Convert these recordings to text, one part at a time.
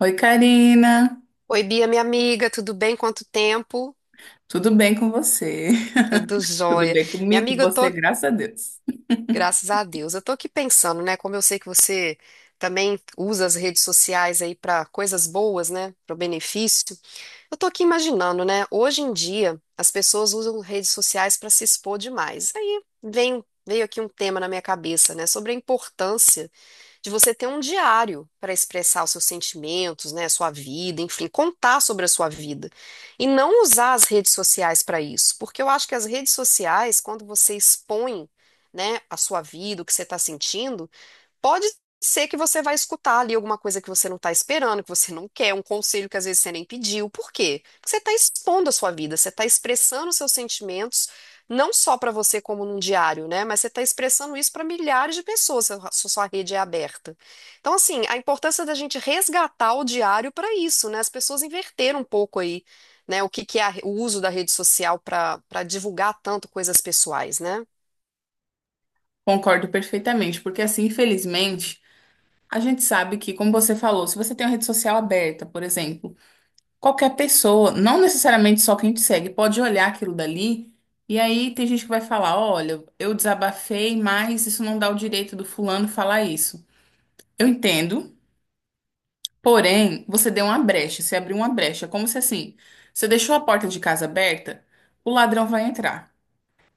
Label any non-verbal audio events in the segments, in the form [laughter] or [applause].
Oi, Karina. Oi, Bia, minha amiga, tudo bem? Quanto tempo? Tudo bem com você? Tudo [laughs] Tudo jóia. bem Minha comigo, com amiga, eu você, tô, graças a Deus. graças [laughs] a Deus, eu tô aqui pensando, né? Como eu sei que você também usa as redes sociais aí para coisas boas, né? Para o benefício. Eu tô aqui imaginando, né? Hoje em dia, as pessoas usam redes sociais para se expor demais. Veio aqui um tema na minha cabeça, né? Sobre a importância de você ter um diário para expressar os seus sentimentos, né, sua vida, enfim, contar sobre a sua vida. E não usar as redes sociais para isso, porque eu acho que as redes sociais, quando você expõe, né, a sua vida, o que você está sentindo, pode ser que você vai escutar ali alguma coisa que você não está esperando, que você não quer, um conselho que às vezes você nem pediu. Por quê? Porque você está expondo a sua vida, você está expressando os seus sentimentos, não só para você como num diário, né? Mas você está expressando isso para milhares de pessoas, se a sua rede é aberta. Então, assim, a importância da gente resgatar o diário para isso, né? As pessoas inverteram um pouco aí, né? O que é o uso da rede social para divulgar tanto coisas pessoais, né? Concordo perfeitamente, porque assim, infelizmente, a gente sabe que, como você falou, se você tem uma rede social aberta, por exemplo, qualquer pessoa, não necessariamente só quem te segue, pode olhar aquilo dali e aí tem gente que vai falar: olha, eu desabafei, mas isso não dá o direito do fulano falar isso. Eu entendo, porém, você deu uma brecha, você abriu uma brecha. Como se assim, você deixou a porta de casa aberta, o ladrão vai entrar.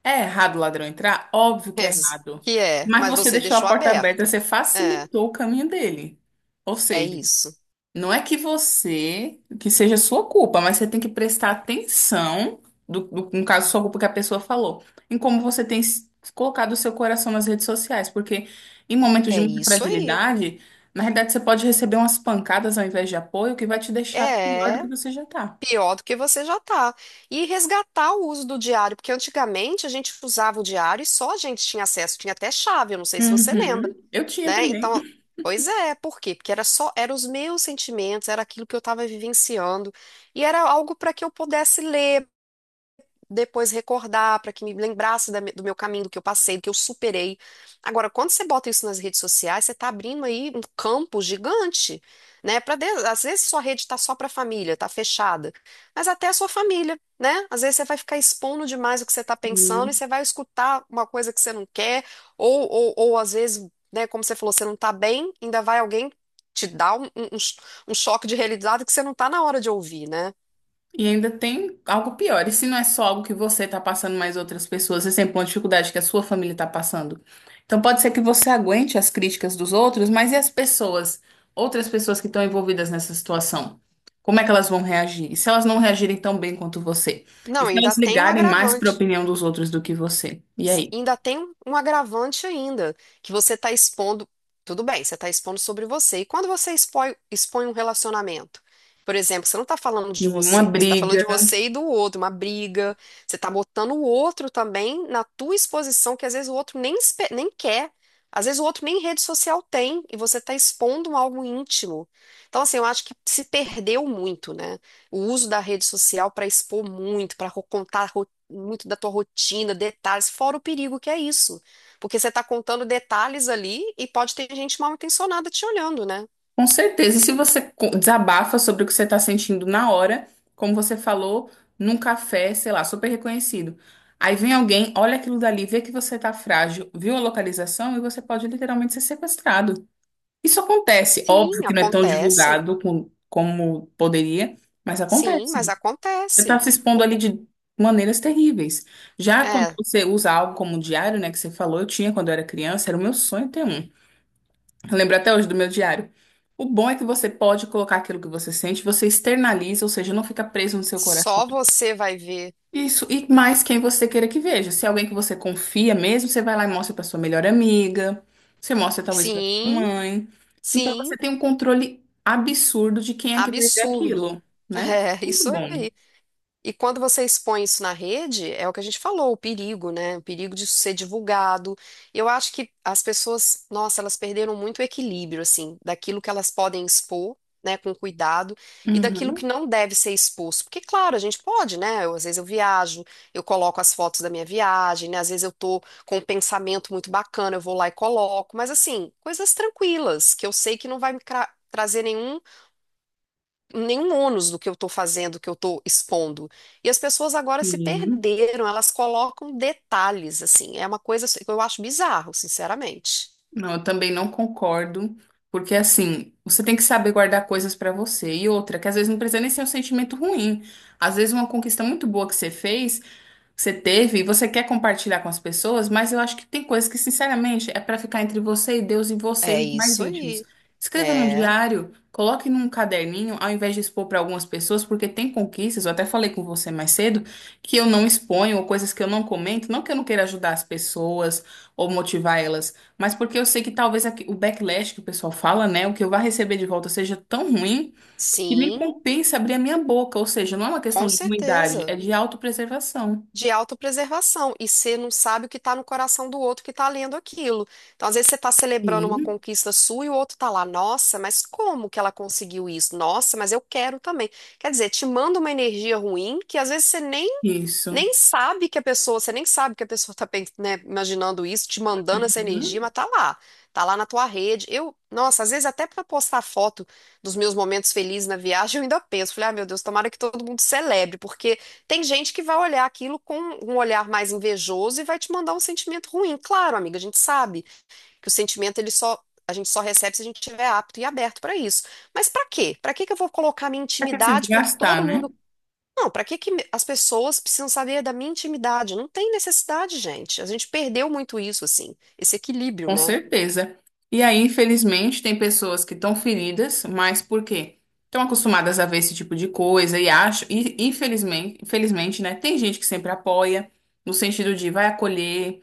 É errado o ladrão entrar? Óbvio que é [laughs] errado. Que é, Mas mas você você deixou a deixou porta aberta, aberto. você É. facilitou o caminho dele. Ou É seja, isso. não é que você, que seja sua culpa, mas você tem que prestar atenção, no caso, sua culpa que a pessoa falou, em como você tem colocado o seu coração nas redes sociais, porque em momentos de É muita isso aí. fragilidade, na realidade você pode receber umas pancadas ao invés de apoio, que vai te deixar pior do que É você já tá. pior do que você já tá. E resgatar o uso do diário, porque antigamente a gente usava o diário e só a gente tinha acesso, tinha até chave, eu não sei se você lembra, Uhum. Eu tinha né? também. Então, pois é, por quê? Porque era só, eram os meus sentimentos, era aquilo que eu estava vivenciando, e era algo para que eu pudesse ler, depois recordar, para que me lembrasse do meu caminho, do que eu passei, do que eu superei. Agora, quando você bota isso nas redes sociais, você está abrindo aí um campo gigante, né? Para às vezes sua rede está só para a família, está fechada, mas até a sua família, né? Às vezes você vai ficar expondo demais o que você está pensando e [laughs] você vai escutar uma coisa que você não quer, ou às vezes, né, como você falou, você não está bem, ainda vai alguém te dar um choque de realidade que você não está na hora de ouvir, né? E ainda tem algo pior. E se não é só algo que você está passando, mas outras pessoas, você sempre tem uma dificuldade que a sua família está passando. Então pode ser que você aguente as críticas dos outros, mas e as pessoas, outras pessoas que estão envolvidas nessa situação? Como é que elas vão reagir? E se elas não reagirem tão bem quanto você? E Não, se ainda elas tem um ligarem mais para a agravante. opinião dos outros do que você? E Mas aí? ainda tem um agravante ainda, que você está expondo, tudo bem, você está expondo sobre você. E quando você expõe, expõe um relacionamento, por exemplo, você não está falando de Sim, uma você, você está falando briga. de você e do outro, uma briga, você está botando o outro também na tua exposição, que às vezes o outro nem, nem quer. Às vezes o outro nem rede social tem e você está expondo algo íntimo. Então, assim, eu acho que se perdeu muito, né? O uso da rede social para expor muito, para contar muito da tua rotina, detalhes, fora o perigo que é isso. Porque você está contando detalhes ali e pode ter gente mal intencionada te olhando, né? Com certeza. E se você desabafa sobre o que você está sentindo na hora, como você falou, num café, sei lá, super reconhecido. Aí vem alguém, olha aquilo dali, vê que você está frágil, viu a localização e você pode literalmente ser sequestrado. Isso acontece. Óbvio Sim, que não é tão acontece. divulgado como poderia, mas Sim, acontece. mas Você está acontece. se expondo Por- ali de maneiras terríveis. Já quando É, você usa algo como diário, né, que você falou, eu tinha quando eu era criança, era o meu sonho ter um. Eu lembro até hoje do meu diário. O bom é que você pode colocar aquilo que você sente, você externaliza, ou seja, não fica preso no seu coração. só você vai ver. Isso, e mais quem você queira que veja. Se é alguém que você confia mesmo, você vai lá e mostra para sua melhor amiga, você mostra talvez para sua Sim, mãe. Então você sim, tem um controle absurdo de quem é que vai ver absurdo. aquilo, [laughs] né? É, Muito isso bom. aí. E quando você expõe isso na rede, é o que a gente falou, o perigo, né? O perigo disso ser divulgado. Eu acho que as pessoas, nossa, elas perderam muito o equilíbrio, assim, daquilo que elas podem expor, né, com cuidado, e daquilo que Uhum, não deve ser exposto. Porque, claro, a gente pode, né? Eu, às vezes eu viajo, eu coloco as fotos da minha viagem, né? Às vezes eu tô com um pensamento muito bacana, eu vou lá e coloco. Mas, assim, coisas tranquilas, que eu sei que não vai trazer nenhum ônus do que eu estou fazendo, do que eu estou expondo. E as pessoas agora se sim. perderam, elas colocam detalhes, assim. É uma coisa que eu acho bizarro, sinceramente. Não, eu também não concordo, porque assim, você tem que saber guardar coisas pra você. E outra, que às vezes não precisa nem ser um sentimento ruim. Às vezes uma conquista muito boa que você fez, que você teve e você quer compartilhar com as pessoas, mas eu acho que tem coisas que, sinceramente, é para ficar entre você e Deus e você e É os mais isso íntimos. aí. Escreva num É, diário, coloque num caderninho, ao invés de expor para algumas pessoas, porque tem conquistas, eu até falei com você mais cedo, que eu não exponho, ou coisas que eu não comento, não que eu não queira ajudar as pessoas ou motivar elas, mas porque eu sei que talvez o backlash que o pessoal fala, né, o que eu vá receber de volta seja tão ruim que nem sim, compensa abrir a minha boca, ou seja, não é uma questão com de ruindade, é certeza. de autopreservação. De autopreservação. E você não sabe o que está no coração do outro que está lendo aquilo. Então, às vezes, você está celebrando uma Sim, conquista sua e o outro está lá, nossa, mas como que ela conseguiu isso? Nossa, mas eu quero também. Quer dizer, te manda uma energia ruim que às vezes você nem isso. nem sabe que a pessoa, você nem sabe que a pessoa tá, né, imaginando isso, te mandando essa energia, Uhum. mas tá lá. Tá lá na tua rede. Eu, nossa, às vezes até pra postar foto dos meus momentos felizes na viagem, eu ainda penso, falei, ah, meu Deus, tomara que todo mundo celebre, porque tem gente que vai olhar aquilo com um olhar mais invejoso e vai te mandar um sentimento ruim. Claro, amiga, a gente sabe que o sentimento ele só a gente só recebe se a gente estiver apto e aberto pra isso. Mas pra quê? Pra que eu vou colocar minha Vai ter que se intimidade pra que desgastar, todo né? mundo não, para que as pessoas precisam saber da minha intimidade? Não tem necessidade, gente. A gente perdeu muito isso, assim, esse equilíbrio, Com né? certeza. E aí, infelizmente, tem pessoas que estão feridas, mas por quê? Estão acostumadas a ver esse tipo de coisa e acho, e infelizmente, infelizmente, né? Tem gente que sempre apoia, no sentido de vai acolher.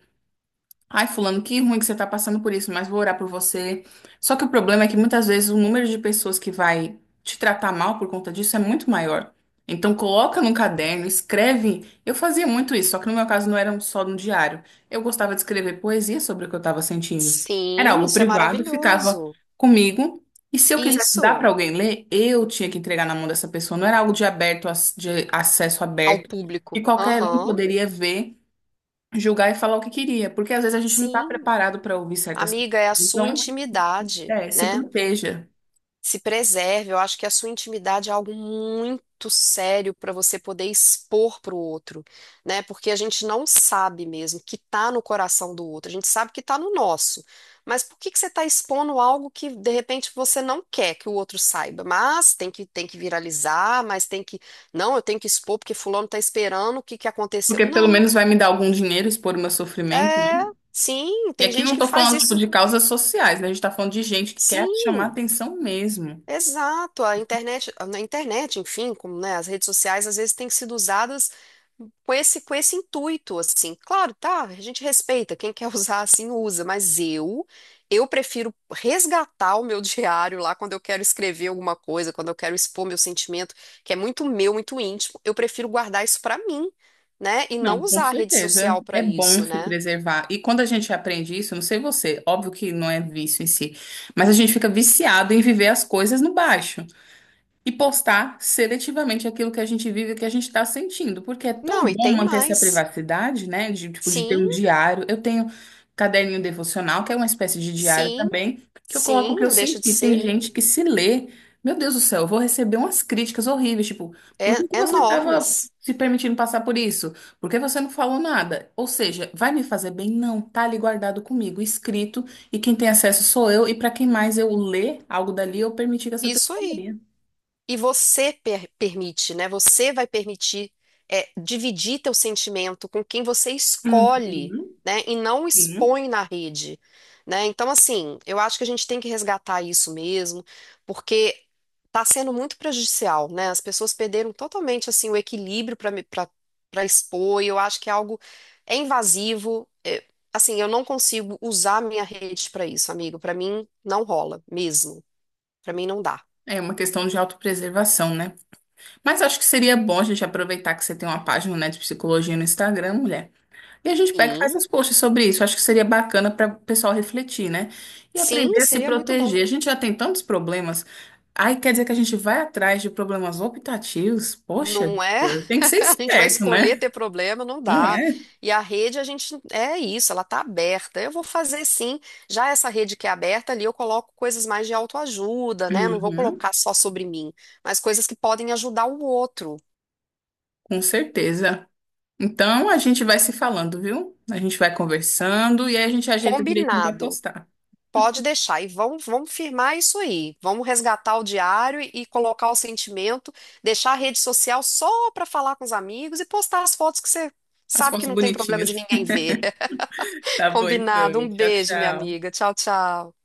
Ai, fulano, que ruim que você tá passando por isso, mas vou orar por você. Só que o problema é que muitas vezes o número de pessoas que vai te tratar mal por conta disso é muito maior. Então coloca num caderno, escreve. Eu fazia muito isso, só que no meu caso não era só no diário. Eu gostava de escrever poesia sobre o que eu estava sentindo. Era Sim, algo isso é privado, ficava maravilhoso. comigo. E se eu quisesse dar para Isso alguém ler, eu tinha que entregar na mão dessa pessoa. Não era algo de aberto, de acesso ao aberto, público. que qualquer um Aham, poderia ver, julgar e falar o que queria, porque às vezes a gente não está sim. preparado para ouvir certas coisas. Amiga, é a sua Então, intimidade, é, se né? proteja, Se preserve. Eu acho que a sua intimidade é algo muito sério para você poder expor para o outro, né? Porque a gente não sabe mesmo o que tá no coração do outro. A gente sabe que tá no nosso. Mas por que que você está expondo algo que de repente você não quer que o outro saiba? Mas tem que viralizar, mas tem que não, eu tenho que expor porque fulano está esperando o que que aconteceu. porque pelo Não, menos vai me dar algum dinheiro expor o meu sofrimento. é, Né? sim, E tem aqui não gente que estou faz falando tipo isso. de causas sociais, né? A gente está falando de gente que quer chamar Sim, atenção mesmo. exato, na internet, enfim, como, né, as redes sociais às vezes têm sido usadas com esse intuito, assim. Claro, tá, a gente respeita, quem quer [laughs] usar assim usa, mas eu prefiro resgatar o meu [laughs] diário lá quando eu quero escrever alguma coisa, quando eu quero expor meu sentimento, que é muito meu, muito íntimo, eu prefiro guardar isso pra mim, né, e não Não, com usar a rede certeza social pra é bom isso, se né? preservar. E quando a gente aprende isso, não sei você, óbvio que não é vício em si, mas a gente fica viciado em viver as coisas no baixo e postar seletivamente aquilo que a gente vive, e que a gente está sentindo, porque é tão Não, e bom tem manter essa mais. privacidade, né? De, tipo, de ter Sim, um diário. Eu tenho caderninho devocional, que é uma espécie de diário sim, também, que eu coloco o sim, que eu não deixa de senti. Tem ser. gente que se lê, meu Deus do céu, eu vou receber umas críticas horríveis, tipo, por É, que que você estava enormes. se permitindo passar por isso? Por que você não falou nada? Ou seja, vai me fazer bem? Não, tá ali guardado comigo, escrito, e quem tem acesso sou eu, e para quem mais eu ler algo dali, eu permiti que essa Isso pessoa aí. leia. E você permite, né? Você vai permitir é, dividir teu sentimento com quem você Uhum, escolhe, né? E não sim. expõe na rede, né? Então, assim, eu acho que a gente tem que resgatar isso mesmo, porque tá sendo muito prejudicial, né? As pessoas perderam totalmente, assim, o equilíbrio para expor, e eu acho que é algo é invasivo. Assim, eu não consigo usar minha rede para isso, amigo. Para mim, não rola mesmo. Para mim, não dá. É uma questão de autopreservação, né? Mas acho que seria bom a gente aproveitar que você tem uma página, né, de psicologia no Instagram, mulher. E a gente pega e faz Sim. uns posts sobre isso. Acho que seria bacana para o pessoal refletir, né? E Sim, aprender a se seria muito bom. proteger. A gente já tem tantos problemas. Aí quer dizer que a gente vai atrás de problemas optativos? Poxa, Não é? tem que ser [laughs] A gente vai esperto, escolher né? ter problema, não Não dá. é? E a rede, a gente é isso, ela tá aberta. Eu vou fazer sim. Já essa rede que é aberta ali, eu coloco coisas mais de autoajuda, né? Não vou Uhum, colocar só sobre mim, mas coisas que podem ajudar o outro. com certeza. Então a gente vai se falando, viu? A gente vai conversando e aí a gente ajeita direitinho para Combinado. postar. Pode deixar. E vamos firmar isso aí. Vamos resgatar o diário e colocar o sentimento, deixar a rede social só para falar com os amigos e postar as fotos que você As sabe que fotos não tem problema bonitinhas. de ninguém ver. Tá bom, então. Combinado. Um Tchau, beijo, minha tchau. amiga. Tchau, tchau.